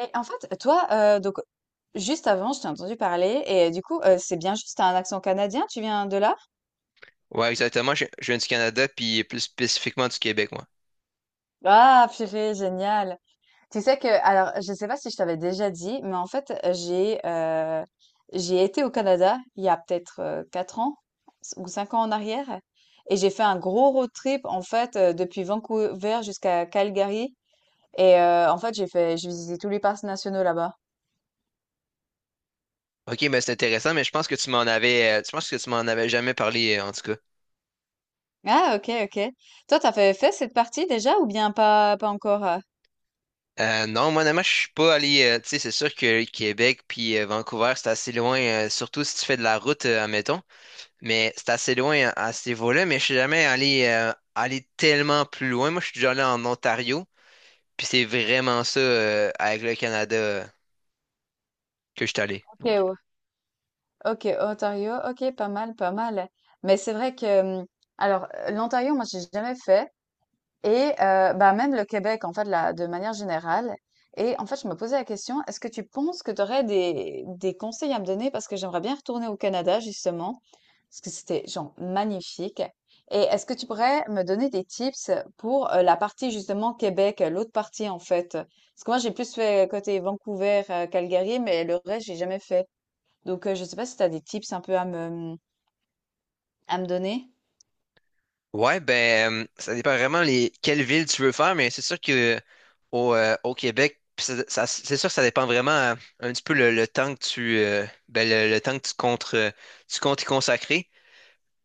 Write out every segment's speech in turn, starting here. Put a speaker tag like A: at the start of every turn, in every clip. A: Et en fait, toi, donc juste avant, je t'ai entendu parler et du coup, c'est bien juste, tu un accent canadien? Tu viens de là?
B: Ouais, exactement. Je viens du Canada, puis plus spécifiquement du Québec, moi.
A: Ah purée, génial! Tu sais que alors je sais pas si je t'avais déjà dit, mais en fait, j'ai été au Canada il y a peut-être, 4 ans ou 5 ans en arrière et j'ai fait un gros road trip en fait, depuis Vancouver jusqu'à Calgary et en fait, j'ai visité tous les parcs nationaux là-bas.
B: Ok, mais c'est intéressant, mais je pense que tu m'en avais jamais parlé, en tout cas.
A: Ah OK, OK. Toi, tu avais fait cette partie déjà ou bien pas encore?
B: Non, moi, honnêtement, je suis pas allé, tu sais, c'est sûr que Québec puis Vancouver, c'est assez loin, surtout si tu fais de la route, admettons, mais c'est assez loin à ce niveau-là, mais je suis jamais allé tellement plus loin. Moi, je suis déjà allé en Ontario, puis c'est vraiment ça, avec le Canada, que je suis allé.
A: OK,
B: Donc,
A: ouais. OK, Ontario, OK, pas mal, pas mal. Mais c'est vrai que, alors, l'Ontario, moi, j'ai jamais fait, et bah, même le Québec, en fait, là, de manière générale. Et en fait, je me posais la question, est-ce que tu penses que tu aurais des conseils à me donner? Parce que j'aimerais bien retourner au Canada, justement, parce que c'était, genre, magnifique. Et est-ce que tu pourrais me donner des tips pour la partie, justement, Québec, l'autre partie, en fait? Parce que moi, j'ai plus fait côté Vancouver, Calgary, mais le reste, j'ai jamais fait. Donc, je sais pas si tu as des tips un peu à me donner.
B: ouais, ben, ça dépend vraiment les quelle ville tu veux faire, mais c'est sûr que au Québec, pis c'est sûr que ça dépend vraiment un petit peu le temps que tu ben, le temps que tu comptes y consacrer.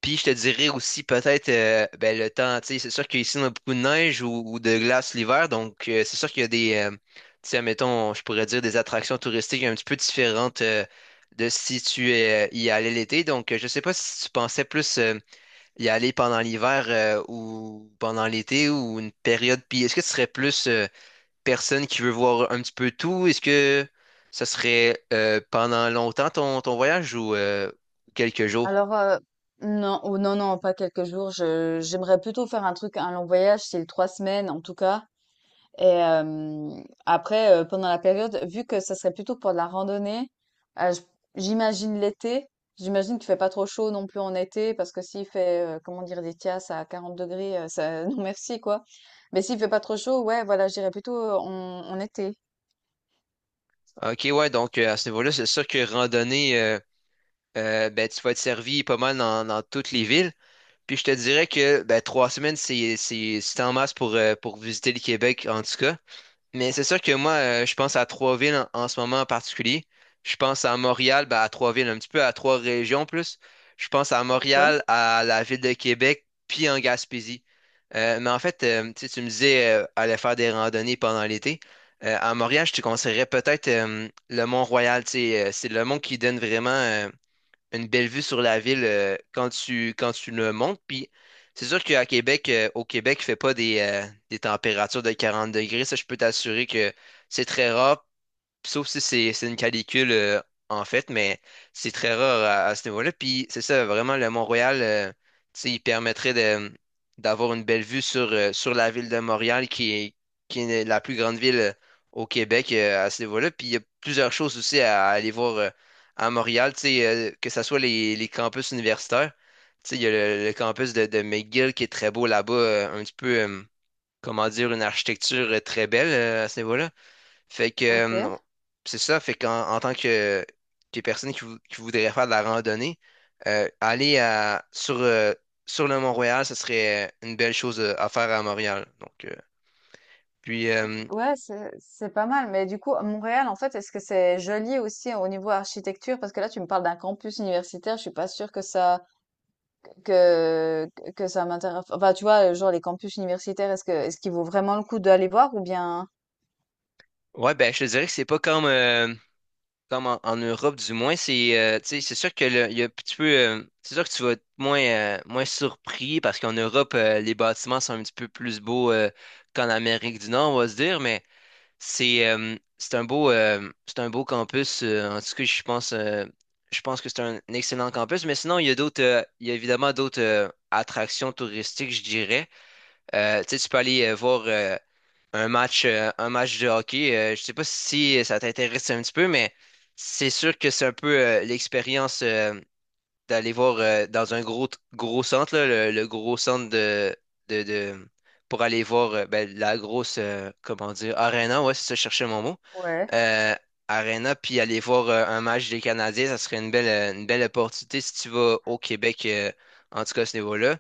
B: Puis je te dirais aussi peut-être ben, le temps, tu sais, c'est sûr qu'ici on a beaucoup de neige ou de glace l'hiver, donc c'est sûr qu'il y a des tu sais, mettons, je pourrais dire des attractions touristiques un petit peu différentes de si tu y allais l'été. Donc je sais pas si tu pensais plus y aller pendant l'hiver ou pendant l'été ou une période? Puis est-ce que tu serais plus personne qui veut voir un petit peu tout? Est-ce que ça serait pendant longtemps ton voyage ou quelques jours?
A: Alors, non, ou non, non, pas quelques jours. J'aimerais plutôt faire un truc, un long voyage, c'est 3 semaines en tout cas. Et après, pendant la période, vu que ça serait plutôt pour de la randonnée, euh, j- j'imagine l'été. J'imagine qu'il fait pas trop chaud non plus en été, parce que s'il fait, comment dire, des tias à 40 degrés, ça, non merci quoi. Mais s'il fait pas trop chaud, ouais, voilà, j'irais plutôt en été.
B: Ok, ouais, donc à ce niveau-là, c'est sûr que randonnée, ben, tu vas être servi pas mal dans toutes les villes. Puis je te dirais que ben, 3 semaines, c'est en masse pour visiter le Québec, en tout cas. Mais c'est sûr que moi, je pense à trois villes en ce moment en particulier. Je pense à Montréal, ben, à trois villes, un petit peu à trois régions plus. Je pense à
A: Ok.
B: Montréal, à la ville de Québec, puis en Gaspésie. Mais en fait, tu sais, tu me disais aller faire des randonnées pendant l'été. À Montréal, je te conseillerais peut-être le Mont-Royal. Tu sais, c'est le mont qui donne vraiment une belle vue sur la ville quand tu le montes. Puis c'est sûr qu'à Québec, au Québec, il fait pas des températures de 40 degrés. Ça, je peux t'assurer que c'est très rare. Sauf si c'est une canicule, en fait, mais c'est très rare à ce niveau-là. Puis c'est ça, vraiment, le Mont-Royal, tu sais, il permettrait d'avoir une belle vue sur la ville de Montréal, qui est la plus grande ville au Québec, à ce niveau-là. Puis il y a plusieurs choses aussi à aller voir, à Montréal, tu sais, que ce soit les campus universitaires. Tu sais, il y a le campus de McGill qui est très beau là-bas, un petit peu, comment dire, une architecture très belle, à ce niveau-là. Fait que
A: Ok.
B: c'est ça, fait qu'en en tant que personne qui voudrait faire de la randonnée, aller sur le Mont-Royal, ce serait une belle chose à faire à Montréal. Donc, puis,
A: Ouais, c'est pas mal. Mais du coup, à Montréal, en fait, est-ce que c'est joli aussi au niveau architecture? Parce que là, tu me parles d'un campus universitaire. Je suis pas sûre que que ça m'intéresse. Enfin, tu vois, genre les campus universitaires, est-ce qu'il vaut vraiment le coup d'aller voir ou bien?
B: ouais, ben, je te dirais que c'est pas comme en Europe, du moins. C'est tu sais, c'est sûr que il y a un petit peu, c'est sûr que tu vas être moins surpris parce qu'en Europe, les bâtiments sont un petit peu plus beaux qu'en Amérique du Nord, on va se dire, mais. C'est un beau campus. En tout cas, je pense que c'est un excellent campus. Mais sinon, il y a évidemment d'autres attractions touristiques, je dirais. Tu sais, tu peux aller voir un match de hockey. Je sais pas si ça t'intéresse un petit peu, mais c'est sûr que c'est un peu l'expérience. D'aller voir dans un gros, gros centre, là, le gros centre de, de- pour aller voir ben, la grosse, comment dire, Arena, ouais, c'est ça, je cherchais mon mot.
A: Ouais.
B: Euh, Arena, puis aller voir un match des Canadiens, ça serait une belle opportunité si tu vas au Québec, en tout cas à ce niveau-là.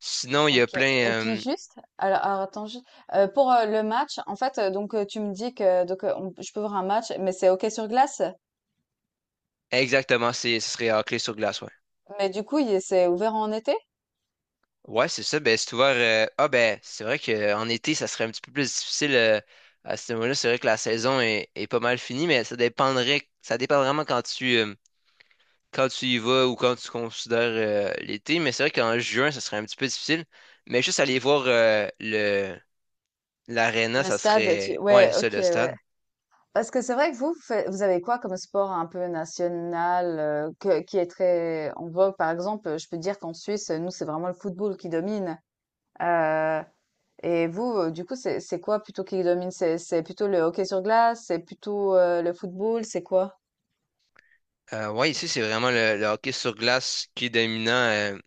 B: Sinon, il y a
A: Ok.
B: plein.
A: Et puis juste, alors, attends, pour le match, en fait, donc tu me dis que donc je peux voir un match, mais c'est hockey sur glace.
B: Exactement, ce serait hockey sur glace, ouais.
A: Mais du coup, c'est ouvert en été?
B: Ouais, c'est ça. Ben, c'est ouvert. Ah, ben, c'est vrai qu'en été, ça serait un petit peu plus difficile à ce moment-là. C'est vrai que la saison est pas mal finie, mais ça dépendrait. Ça dépend vraiment quand tu y vas ou quand tu considères l'été. Mais c'est vrai qu'en juin, ça serait un petit peu difficile. Mais juste aller voir l'aréna,
A: Le
B: ça
A: stade, tu...
B: serait. Ouais,
A: Ouais,
B: c'est ça,
A: ok,
B: le
A: ouais.
B: stade.
A: Parce que c'est vrai que vous, vous avez quoi comme sport un peu national qui est très en vogue? Par exemple, je peux dire qu'en Suisse, nous, c'est vraiment le football qui domine. Euh, Et vous, du coup, c'est quoi plutôt qui domine? C'est plutôt le hockey sur glace? C'est plutôt, le football? C'est quoi?
B: Ouais, ici, c'est vraiment le hockey sur glace qui est dominant,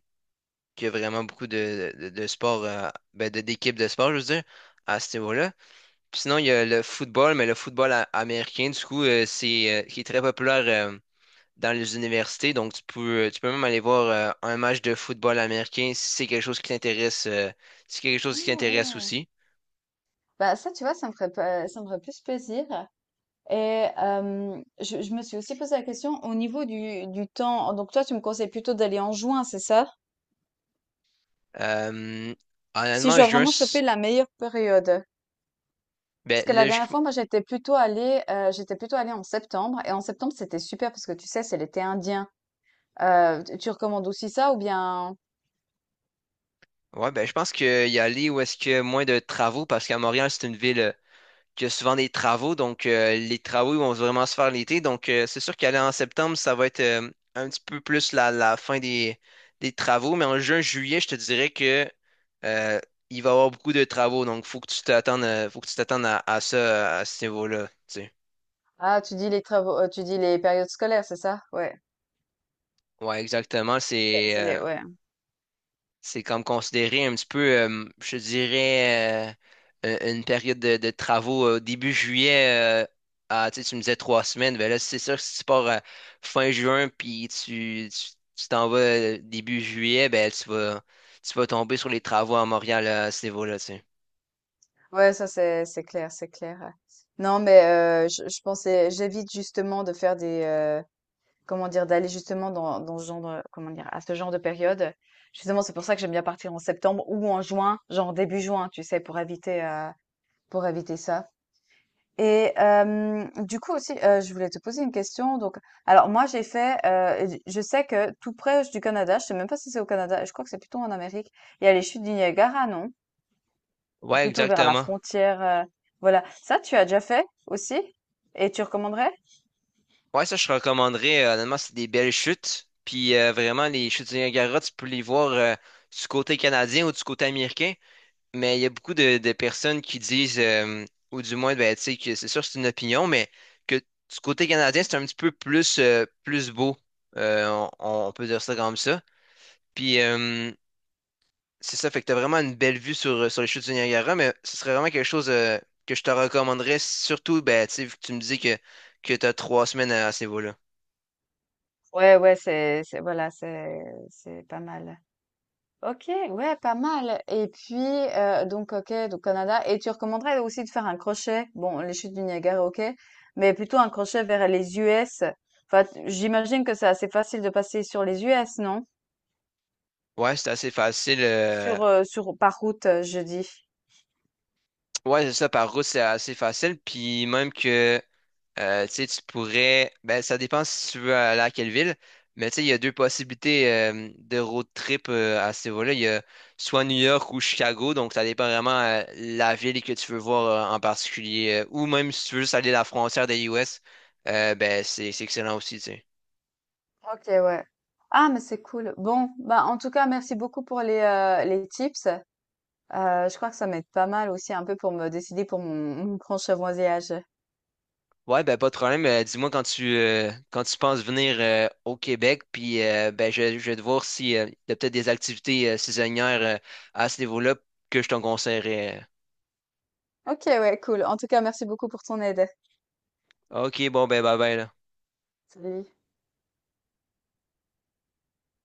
B: qui a vraiment beaucoup de sports, ben, d'équipes de sport, je veux dire, à ce niveau-là. Puis sinon, il y a le football, mais le football américain, du coup, qui est très populaire. Dans les universités. Donc, tu peux même aller voir un match de football américain si c'est quelque chose qui t'intéresse, si c'est quelque
A: Ah
B: chose qui t'intéresse
A: ouais!
B: aussi.
A: Bah, ça, tu vois, ça me ferait pas ça me ferait plus plaisir et je me suis aussi posé la question au niveau du temps. Donc toi, tu me conseilles plutôt d'aller en juin, c'est ça?
B: Euh,
A: Si je
B: Honnêtement,
A: dois
B: je
A: vraiment choper la meilleure période. Parce
B: ben,
A: que la
B: là, je,
A: dernière fois, moi, j'étais plutôt allée en septembre et en septembre, c'était super parce que tu sais, c'est l'été indien. Tu recommandes aussi ça ou bien?
B: ouais, ben, je pense qu'il y a aller où est-ce qu'il y a moins de travaux parce qu'à Montréal, c'est une ville qu'il y a souvent des travaux. Donc, les travaux ils vont vraiment se faire l'été. Donc, c'est sûr qu'aller en septembre, ça va être un petit peu plus la fin des travaux. Mais en juin, juillet, je te dirais que euh, il va y avoir beaucoup de travaux. Donc, faut que tu t'attendes, faut que tu t'attendes à ça, à ce niveau-là. Tu sais.
A: Ah, tu dis les travaux, tu dis les périodes scolaires, c'est ça? Ouais.
B: Ouais, exactement.
A: C'est c'est les, ouais.
B: C'est comme considéré un petit peu, je dirais, une période de travaux début juillet. À, tu sais, tu me disais 3 semaines. Ben là, c'est sûr que si tu pars à fin juin puis tu t'en vas début juillet, ben tu vas tomber sur les travaux à Montréal à ce niveau-là, tu sais.
A: Ouais, ça c'est clair, c'est clair. Ouais. Non, mais je pensais, j'évite justement de faire comment dire, d'aller justement dans ce genre, comment dire, à ce genre de période. Justement, c'est pour ça que j'aime bien partir en septembre ou en juin, genre début juin, tu sais, pour éviter ça. Et du coup aussi, je voulais te poser une question donc alors moi j'ai fait, j je sais que tout près du Canada, je sais même pas si c'est au Canada, je crois que c'est plutôt en Amérique, il y a les chutes du Niagara, non?
B: Ouais,
A: Plutôt vers la
B: exactement.
A: frontière, voilà. Ça, tu as déjà fait aussi? Et tu recommanderais?
B: Ouais, ça, je recommanderais. Honnêtement, c'est des belles chutes. Puis vraiment, les chutes du Niagara, tu peux les voir du côté canadien ou du côté américain. Mais il y a beaucoup de personnes qui disent, ou du moins, ben, tu sais, que c'est sûr, c'est une opinion, mais que du côté canadien, c'est un petit peu plus beau. On peut dire ça comme ça. Puis, c'est ça, fait que t'as vraiment une belle vue sur les chutes du Niagara, mais ce serait vraiment quelque chose, que je te recommanderais, surtout, ben, tu sais, vu que tu me dis que t'as 3 semaines à ce niveau-là.
A: Ouais, ouais, c'est voilà, c'est pas mal. OK, ouais, pas mal. Et puis, donc OK, donc Canada et tu recommanderais aussi de faire un crochet? Bon, les chutes du Niagara, OK, mais plutôt un crochet vers les US. Enfin, t j'imagine que c'est assez facile de passer sur les US, non?
B: Ouais, c'est assez facile.
A: Sur par route, je dis.
B: Ouais, c'est ça, par route, c'est assez facile. Puis, même que. Tu sais, tu pourrais. Ben, ça dépend si tu veux aller à quelle ville. Mais tu sais, il y a deux possibilités de road trip à ce niveau-là. Il y a soit New York ou Chicago. Donc, ça dépend vraiment la ville que tu veux voir en particulier. Ou même si tu veux juste aller à la frontière des US, ben, c'est excellent aussi, tu sais.
A: OK, ouais. Ah, mais c'est cool. Bon, bah, en tout cas, merci beaucoup pour les tips. Je crois que ça m'aide pas mal aussi un peu pour me décider pour mon prochain voyage.
B: Ouais, ben, pas de problème. Dis-moi quand tu penses venir au Québec. Puis, ben, je vais te voir si, il y a peut-être des activités saisonnières à ce niveau-là que je te conseillerais.
A: OK, ouais, cool. En tout cas, merci beaucoup pour ton aide.
B: Ok, bon, ben bye bye là.
A: Salut.